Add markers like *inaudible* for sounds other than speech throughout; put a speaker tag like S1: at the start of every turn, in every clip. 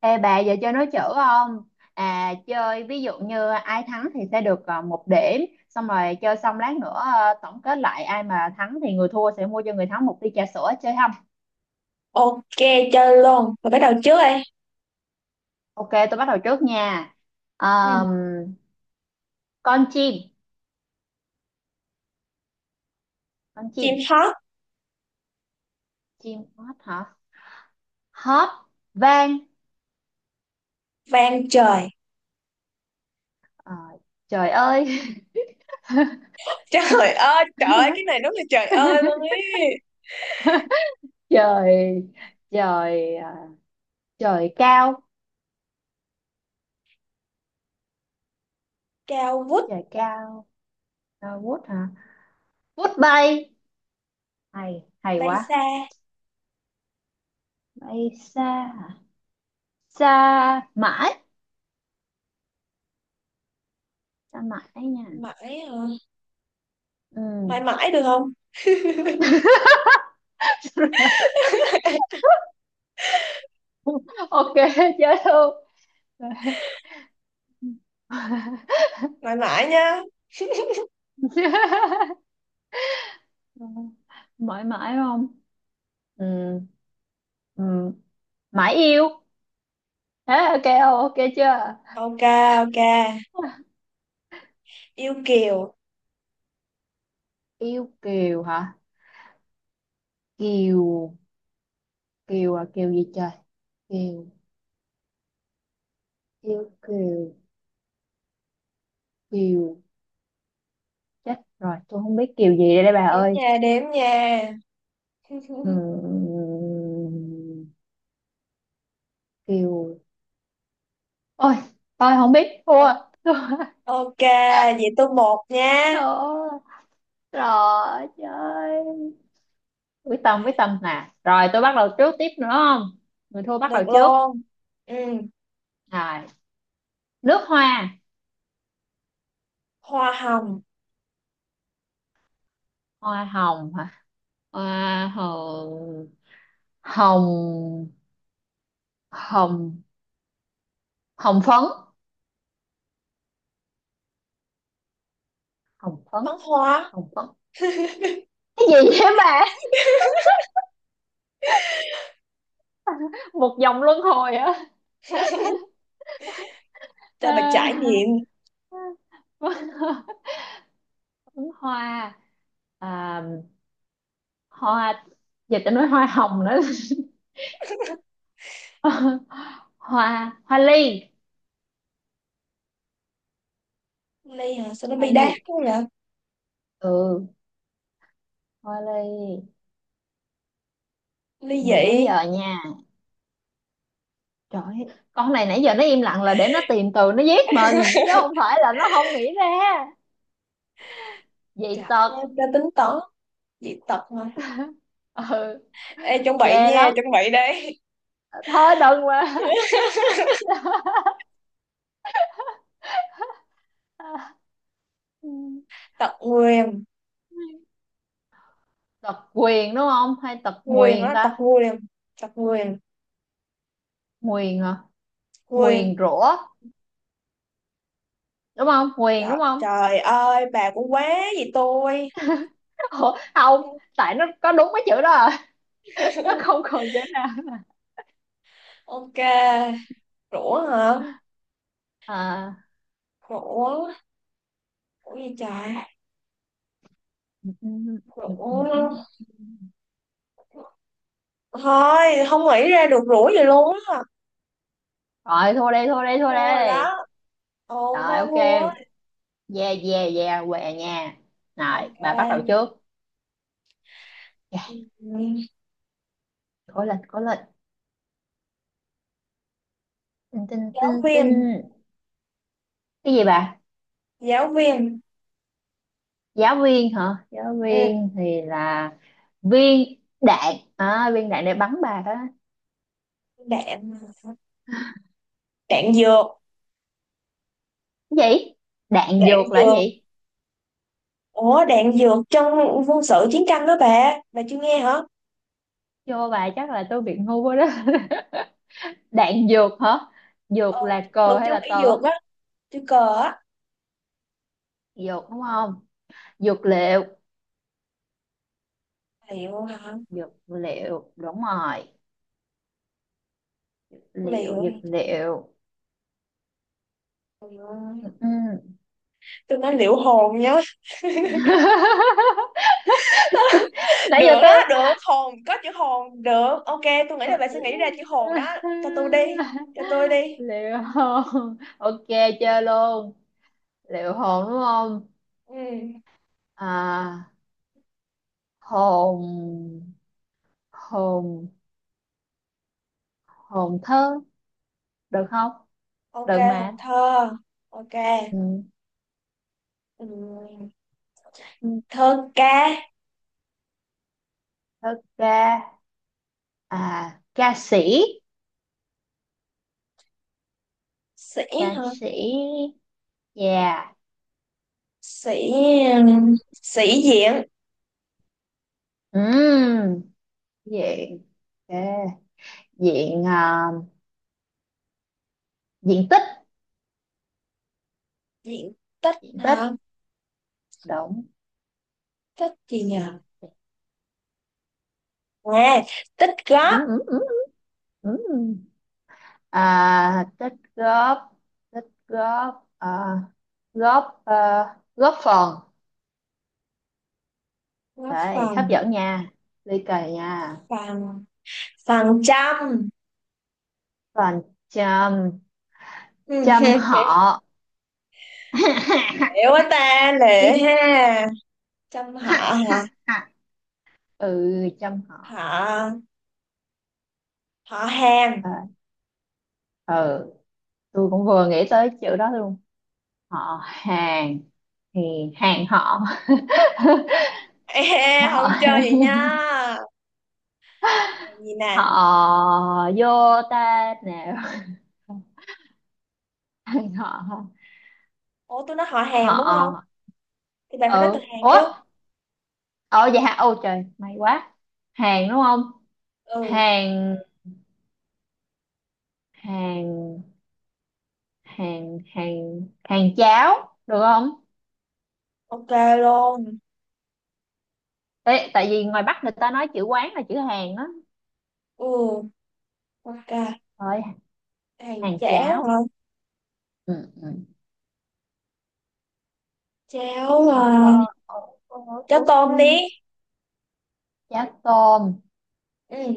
S1: Ê bà giờ chơi nói chữ không? À chơi ví dụ như ai thắng thì sẽ được một điểm. Xong rồi chơi xong lát nữa tổng kết lại ai mà thắng thì người thua sẽ mua cho người thắng một ly trà sữa, chơi không?
S2: Ok, chơi luôn. Mình bắt đầu trước đây.
S1: Ok, tôi bắt đầu trước nha.
S2: Ừ.
S1: Ờm, Con chim. Con chim.
S2: Chim hót
S1: Chim hót hả? Hót vang.
S2: vang trời.
S1: Ờ, Trời ơi. *laughs*
S2: Trời trời ơi, cái này đúng là trời ơi luôn ý.
S1: Trời. Trời ờ, Trời cao.
S2: Cao vút
S1: Trời cao. Vút hả? Vút bay. Hay hay
S2: bay xa.
S1: quá. Bay xa hả? Xa mãi. Xa mãi nha.
S2: Mãi hả?
S1: Ừ.
S2: Mãi mãi được không? *laughs*
S1: *laughs* Ok, chết luôn.
S2: Mãi mãi nha.
S1: *laughs* Mãi mãi không? Ừ. Ừ. Mãi yêu. Thế ok không, ok chưa?
S2: Ok, ok. Yêu kiều.
S1: Yêu kiều hả? Kiều. Kiều à, kiều gì trời? Kiều. Yêu kiều. Kiều. Chết rồi, tôi không biết kiều gì đây, bà
S2: Đếm
S1: ơi.
S2: nha đếm nha. *laughs*
S1: Ừ, kiều. Ôi, tôi không biết, thua.
S2: O-
S1: Thua. *laughs*
S2: Ok. Vậy tôi một nha.
S1: Thua. Rồi chơi. Quyết tâm quyết tâm nè, rồi tôi bắt đầu trước tiếp nữa không? Người thua bắt
S2: Được
S1: đầu trước.
S2: luôn. Ừ.
S1: Rồi. Nước hoa.
S2: Hoa hồng.
S1: Hoa hồng hả? Hoa hồng. Hồng. Hồng. Hồng phấn. Hồng phấn.
S2: Phấn hoa.
S1: Hồng phấn.
S2: *laughs*
S1: Cái gì vậy bà? Một vòng luân hồi hả?
S2: Cho bà trải
S1: À,
S2: nghiệm.
S1: *laughs* phấn hoa. À, hoa. Giờ ta nói hoa hồng nữa. *laughs* *laughs* hoa hoa ly.
S2: Ly hả, sao nó
S1: Hoa
S2: bi
S1: ly.
S2: đát quá vậy?
S1: Ừ. Hoa ly.
S2: Ly
S1: Tụi mình
S2: dị.
S1: đếm giờ nha. Trời ơi, con này nãy giờ nó im lặng là để nó tìm từ nó giết mình, chứ không phải là nó không nghĩ ra. Dị
S2: Trời
S1: tật.
S2: ơi ta tính toán. Dị tật mà.
S1: Ừ.
S2: Ê, chuẩn bị
S1: Ghê
S2: nha,
S1: lắm.
S2: chuẩn bị đây.
S1: Thôi đừng mà.
S2: *laughs*
S1: *laughs* Ừ.
S2: Tật nguyền.
S1: Tật quyền đúng không hay tật
S2: Nguyền
S1: nguyền
S2: đó, tật
S1: ta?
S2: nguyền. Tật nguyền.
S1: Nguyền hả?
S2: Nguyền.
S1: Nguyền rủa. Đúng không? Nguyền
S2: Trời,
S1: đúng không?
S2: trời ơi bà cũng quá. Gì tôi?
S1: Ủa, không, tại nó có đúng cái chữ đó à. *laughs* Nó
S2: *laughs*
S1: không còn chữ nào.
S2: Ok. Rủa hả?
S1: À.
S2: Rủa. Rủa gì trời?
S1: Rồi.
S2: Rủa. Thôi không nghĩ ra được rủa gì luôn á.
S1: Thua đi, thua đi, thua
S2: Thua rồi
S1: đi.
S2: đó. Ồ
S1: Rồi
S2: thôi,
S1: ok.
S2: thua á.
S1: Yeah, yeah, yeah, què nha. Rồi bà
S2: Ok.
S1: bắt đầu trước. Yeah.
S2: Ừ,
S1: Cố lên, cố lên. Tinh, tinh,
S2: giáo
S1: tinh,
S2: viên.
S1: tinh. Cái gì bà?
S2: Giáo viên.
S1: Giáo viên hả? Giáo
S2: Ừ.
S1: viên thì là viên đạn à? Viên đạn để bắn bà đó.
S2: Đạn. Đạn dược.
S1: Cái gì? Đạn
S2: Đạn
S1: dược là cái
S2: dược.
S1: gì?
S2: Ủa, đạn dược trong quân sự chiến tranh đó bà chưa nghe hả?
S1: Vô bà, chắc là tôi bị ngu quá đó. *laughs* Đạn dược hả?
S2: Ờ,
S1: Dược là
S2: chiến lược
S1: cờ hay
S2: trong
S1: là
S2: y
S1: tờ?
S2: dược á. Chưa, cờ á.
S1: Dược đúng không? Dược liệu.
S2: Liệu hả?
S1: Dược liệu đúng rồi. Liệu
S2: Liệu.
S1: dược liệu.
S2: Trời ơi,
S1: Ừ.
S2: tôi nói liệu hồn nhá.
S1: *laughs* Tôi-
S2: *laughs*
S1: nãy
S2: Được
S1: giờ tôi
S2: đó, được hồn, có chữ hồn, được, ok. Tôi nghĩ là bà sẽ nghĩ ra chữ hồn đó. Cho tôi đi, cho tôi đi.
S1: liệu hồn, ok. Chơi luôn. Liệu hồn đúng không?
S2: Ừ,
S1: À, hồn. Hồn. Hồn thơ, được không?
S2: ok.
S1: Được
S2: Hồn
S1: mà.
S2: thơ. Ok.
S1: Ừ.
S2: Ừ.
S1: Ừ.
S2: Thơ ca.
S1: Thơ ca. À, ca sĩ. Ca
S2: Sĩ hả?
S1: sĩ. Yeah.
S2: Sĩ. Sĩ diện.
S1: Ừ. Diện. Ok. Diện à, diện tích.
S2: Diện tích
S1: Tích
S2: hả?
S1: động.
S2: Tích gì nhỉ? À, tích
S1: Ừ,
S2: góp.
S1: ừ, ừ. Ừ. À, tích góp. Tích góp à, góp à, góp phần.
S2: Góp
S1: Đấy, hấp
S2: Phần.
S1: dẫn nha. Ly kỳ nha.
S2: Phần phần trăm. *laughs*
S1: Còn. Chăm. Chăm họ.
S2: Hiểu quá ta, lệ
S1: *laughs*
S2: ha. Trăm họ hả?
S1: Ừ. Chăm họ.
S2: Họ. Họ hàng.
S1: À, ừ, tôi cũng vừa nghĩ tới chữ đó luôn. Họ hàng. Thì hàng họ.
S2: *laughs*
S1: *laughs*
S2: Ê,
S1: Họ.
S2: không
S1: *laughs*
S2: chơi vậy nha. Hàng gì nè?
S1: Họ vô ta nào. *laughs* Anh họ.
S2: Ủa, tôi nói họ hàng đúng không
S1: Họ.
S2: thì bạn phải nói từ
S1: Ừ,
S2: hàng chứ.
S1: ủa. Ờ vậy hả, ô trời may quá. Hàng đúng không?
S2: Ừ,
S1: Hàng. Hàng. Hàng cháo được không?
S2: ok luôn.
S1: Ê, tại vì ngoài Bắc người ta nói chữ quán là chữ hàng đó.
S2: Ừ, ok.
S1: Rồi
S2: Hàng
S1: hàng
S2: chéo
S1: cháo.
S2: hả?
S1: Ừ. Ừ.
S2: Chéo
S1: Ờ, ờ,
S2: à.
S1: ờ, ờ,
S2: Chéo
S1: ờ, ừ.
S2: tôm đi.
S1: Cháo tôm.
S2: Ừ.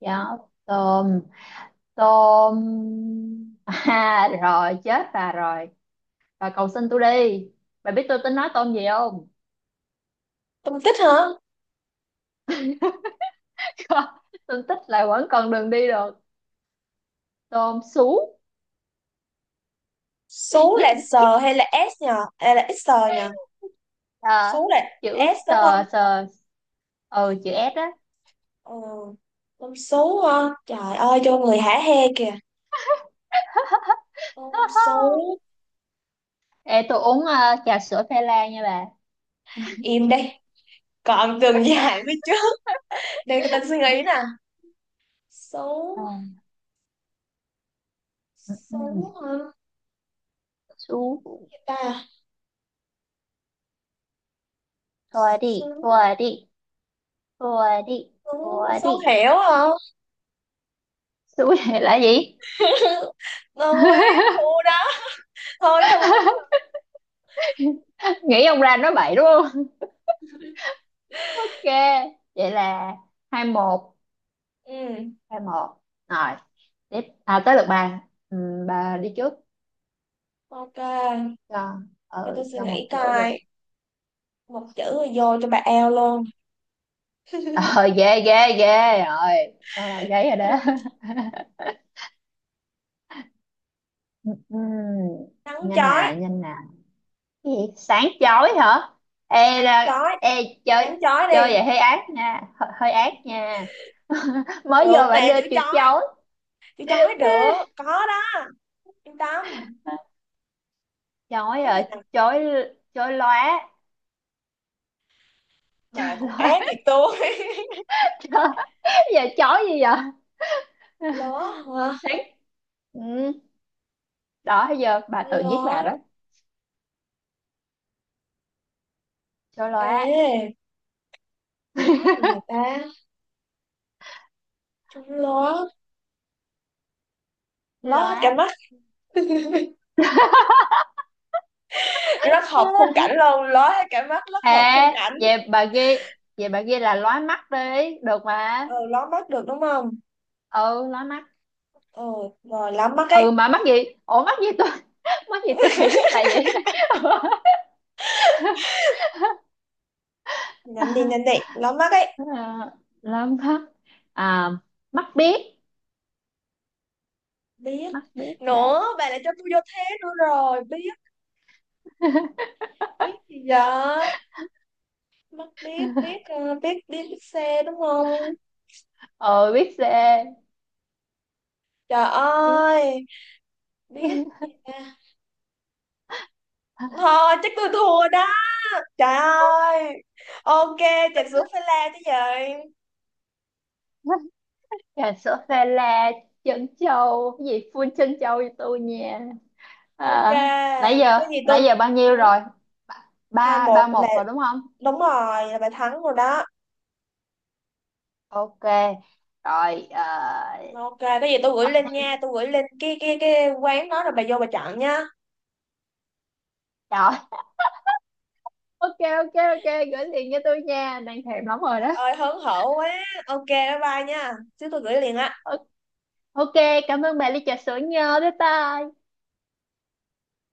S1: Cháo tôm. Tôm. *laughs* À rồi chết, à rồi. Và cầu xin tôi đi. Bà biết tôi tính nói tôm gì không?
S2: Tôm tích hả?
S1: *laughs* Tôi thích là vẫn còn đường đi được. Tôm sú.
S2: Số là
S1: *laughs*
S2: S hay là S nhờ? Hay là S nhờ?
S1: À,
S2: Số là
S1: chữ
S2: S đúng không?
S1: sờ sờ. Ừ, chữ S á.
S2: Ừ. Tôm sú ha. Trời ơi, cho người hả hê kìa.
S1: *laughs*
S2: Tôm số.
S1: Ê, tôi uống trà sữa phê la nha bà.
S2: Im đây. Còn từng dài phía trước. Để người ta suy nghĩ nè.
S1: Ờ.
S2: Số.
S1: Ừ.
S2: Số
S1: Ừ.
S2: hả?
S1: Sú.
S2: Người ta.
S1: Thua
S2: Số.
S1: đi. Thua đi. Thua đi.
S2: Số
S1: Thua
S2: Sú
S1: đi.
S2: hiểu hả?
S1: Sú *laughs* này là gì?
S2: *laughs* Tôi thua đó. Thôi thua.
S1: *laughs* Nghĩ ông ra nói bậy đúng không? *laughs* Ok. Vậy là 2-1.
S2: Ừ.
S1: 2-1 rồi. Tiếp à, tới lượt bà. Bà đi trước.
S2: Ok.
S1: cho
S2: Để
S1: ờ
S2: tôi suy
S1: cho một
S2: nghĩ
S1: chỗ đi.
S2: coi. Một chữ rồi vô cho bà eo luôn. *laughs*
S1: Ờ Ghê ghê ghê rồi, tôi đầu giấy rồi đó.
S2: Ừ,
S1: *laughs* Ừm,
S2: nắng
S1: Nhanh
S2: chói.
S1: nè, nhanh nè. Cái gì sáng chói hả? Ê
S2: Nắng
S1: ra
S2: chói.
S1: ê. Chơi.
S2: Nắng chói
S1: Chơi
S2: đi.
S1: vậy hơi ác nha, hơi ác nha. *laughs* Mới vô
S2: Được mà,
S1: bạn đưa
S2: chữ
S1: chữ
S2: chói.
S1: chói.
S2: Chữ chói được có đó, yên tâm.
S1: Chói
S2: Chói gì
S1: rồi.
S2: nè?
S1: Chói. Chói lóa.
S2: Bà
S1: *laughs*
S2: cũng
S1: Lóa.
S2: ác gì tôi. *laughs*
S1: Trời, giờ chói gì vậy?
S2: Ló
S1: *laughs*
S2: hả?
S1: Sáng. Ừ, đó giờ bà tự giết bà đó.
S2: Ló.
S1: Chói lóa.
S2: Ê, ló gì vậy ta? Chú ló. Ló hết cả
S1: Lóa.
S2: mắt. *laughs* Rất hợp khung cảnh
S1: *laughs*
S2: luôn, ló hết cả mắt, rất hợp khung
S1: à,
S2: cảnh.
S1: vậy bà ghi. Vậy bà ghi là lóa mắt đi, được mà.
S2: Ờ, ló mắt được đúng không?
S1: Ừ, lóa mắt.
S2: Ờ, rồi ló mắt ấy.
S1: Ừ mà mắc gì? Ủa mắc gì tôi? *laughs* Mắc gì tôi phải giúp bà vậy? *laughs*
S2: Nhanh đi, nhanh đi, ló mắt ấy.
S1: Ờ, lóa mắt. À, mắt biết.
S2: Biết.
S1: Mắt biết
S2: Nữa
S1: đấy.
S2: bà lại cho tôi vô thế nữa rồi, biết.
S1: *laughs*
S2: Biết gì giờ? Mắt biết. Biết biết biết xe đúng không?
S1: Ừ, biết xe.
S2: Trời
S1: Biết.
S2: ơi, biết
S1: *laughs*
S2: gì nha. Thôi chắc tôi thua đó. Trời ơi. Ok, trà sữa phải la chứ gì.
S1: Trà sữa pha la trân châu cái gì full trân châu cho tôi nha.
S2: Ok,
S1: À,
S2: cái gì
S1: nãy
S2: tôi.
S1: giờ bao
S2: Ừ,
S1: nhiêu rồi?
S2: hai
S1: Ba ba
S2: một là
S1: một rồi đúng.
S2: đúng rồi, là bà thắng rồi đó.
S1: Ok. Rồi
S2: Ok, cái gì tôi gửi
S1: ờ,
S2: lên nha, tôi gửi lên cái quán đó rồi bà vô bà chọn nha.
S1: rồi. Ok, ok, ok. Gửi liền cho tôi nha, đang thèm lắm rồi
S2: Trời
S1: đó.
S2: ơi, hớn hở quá. Ok, bye bye nha. Chứ tôi gửi liền á.
S1: Ờ, ok. Cảm ơn bà ly trà sữa nhớ, bye bye.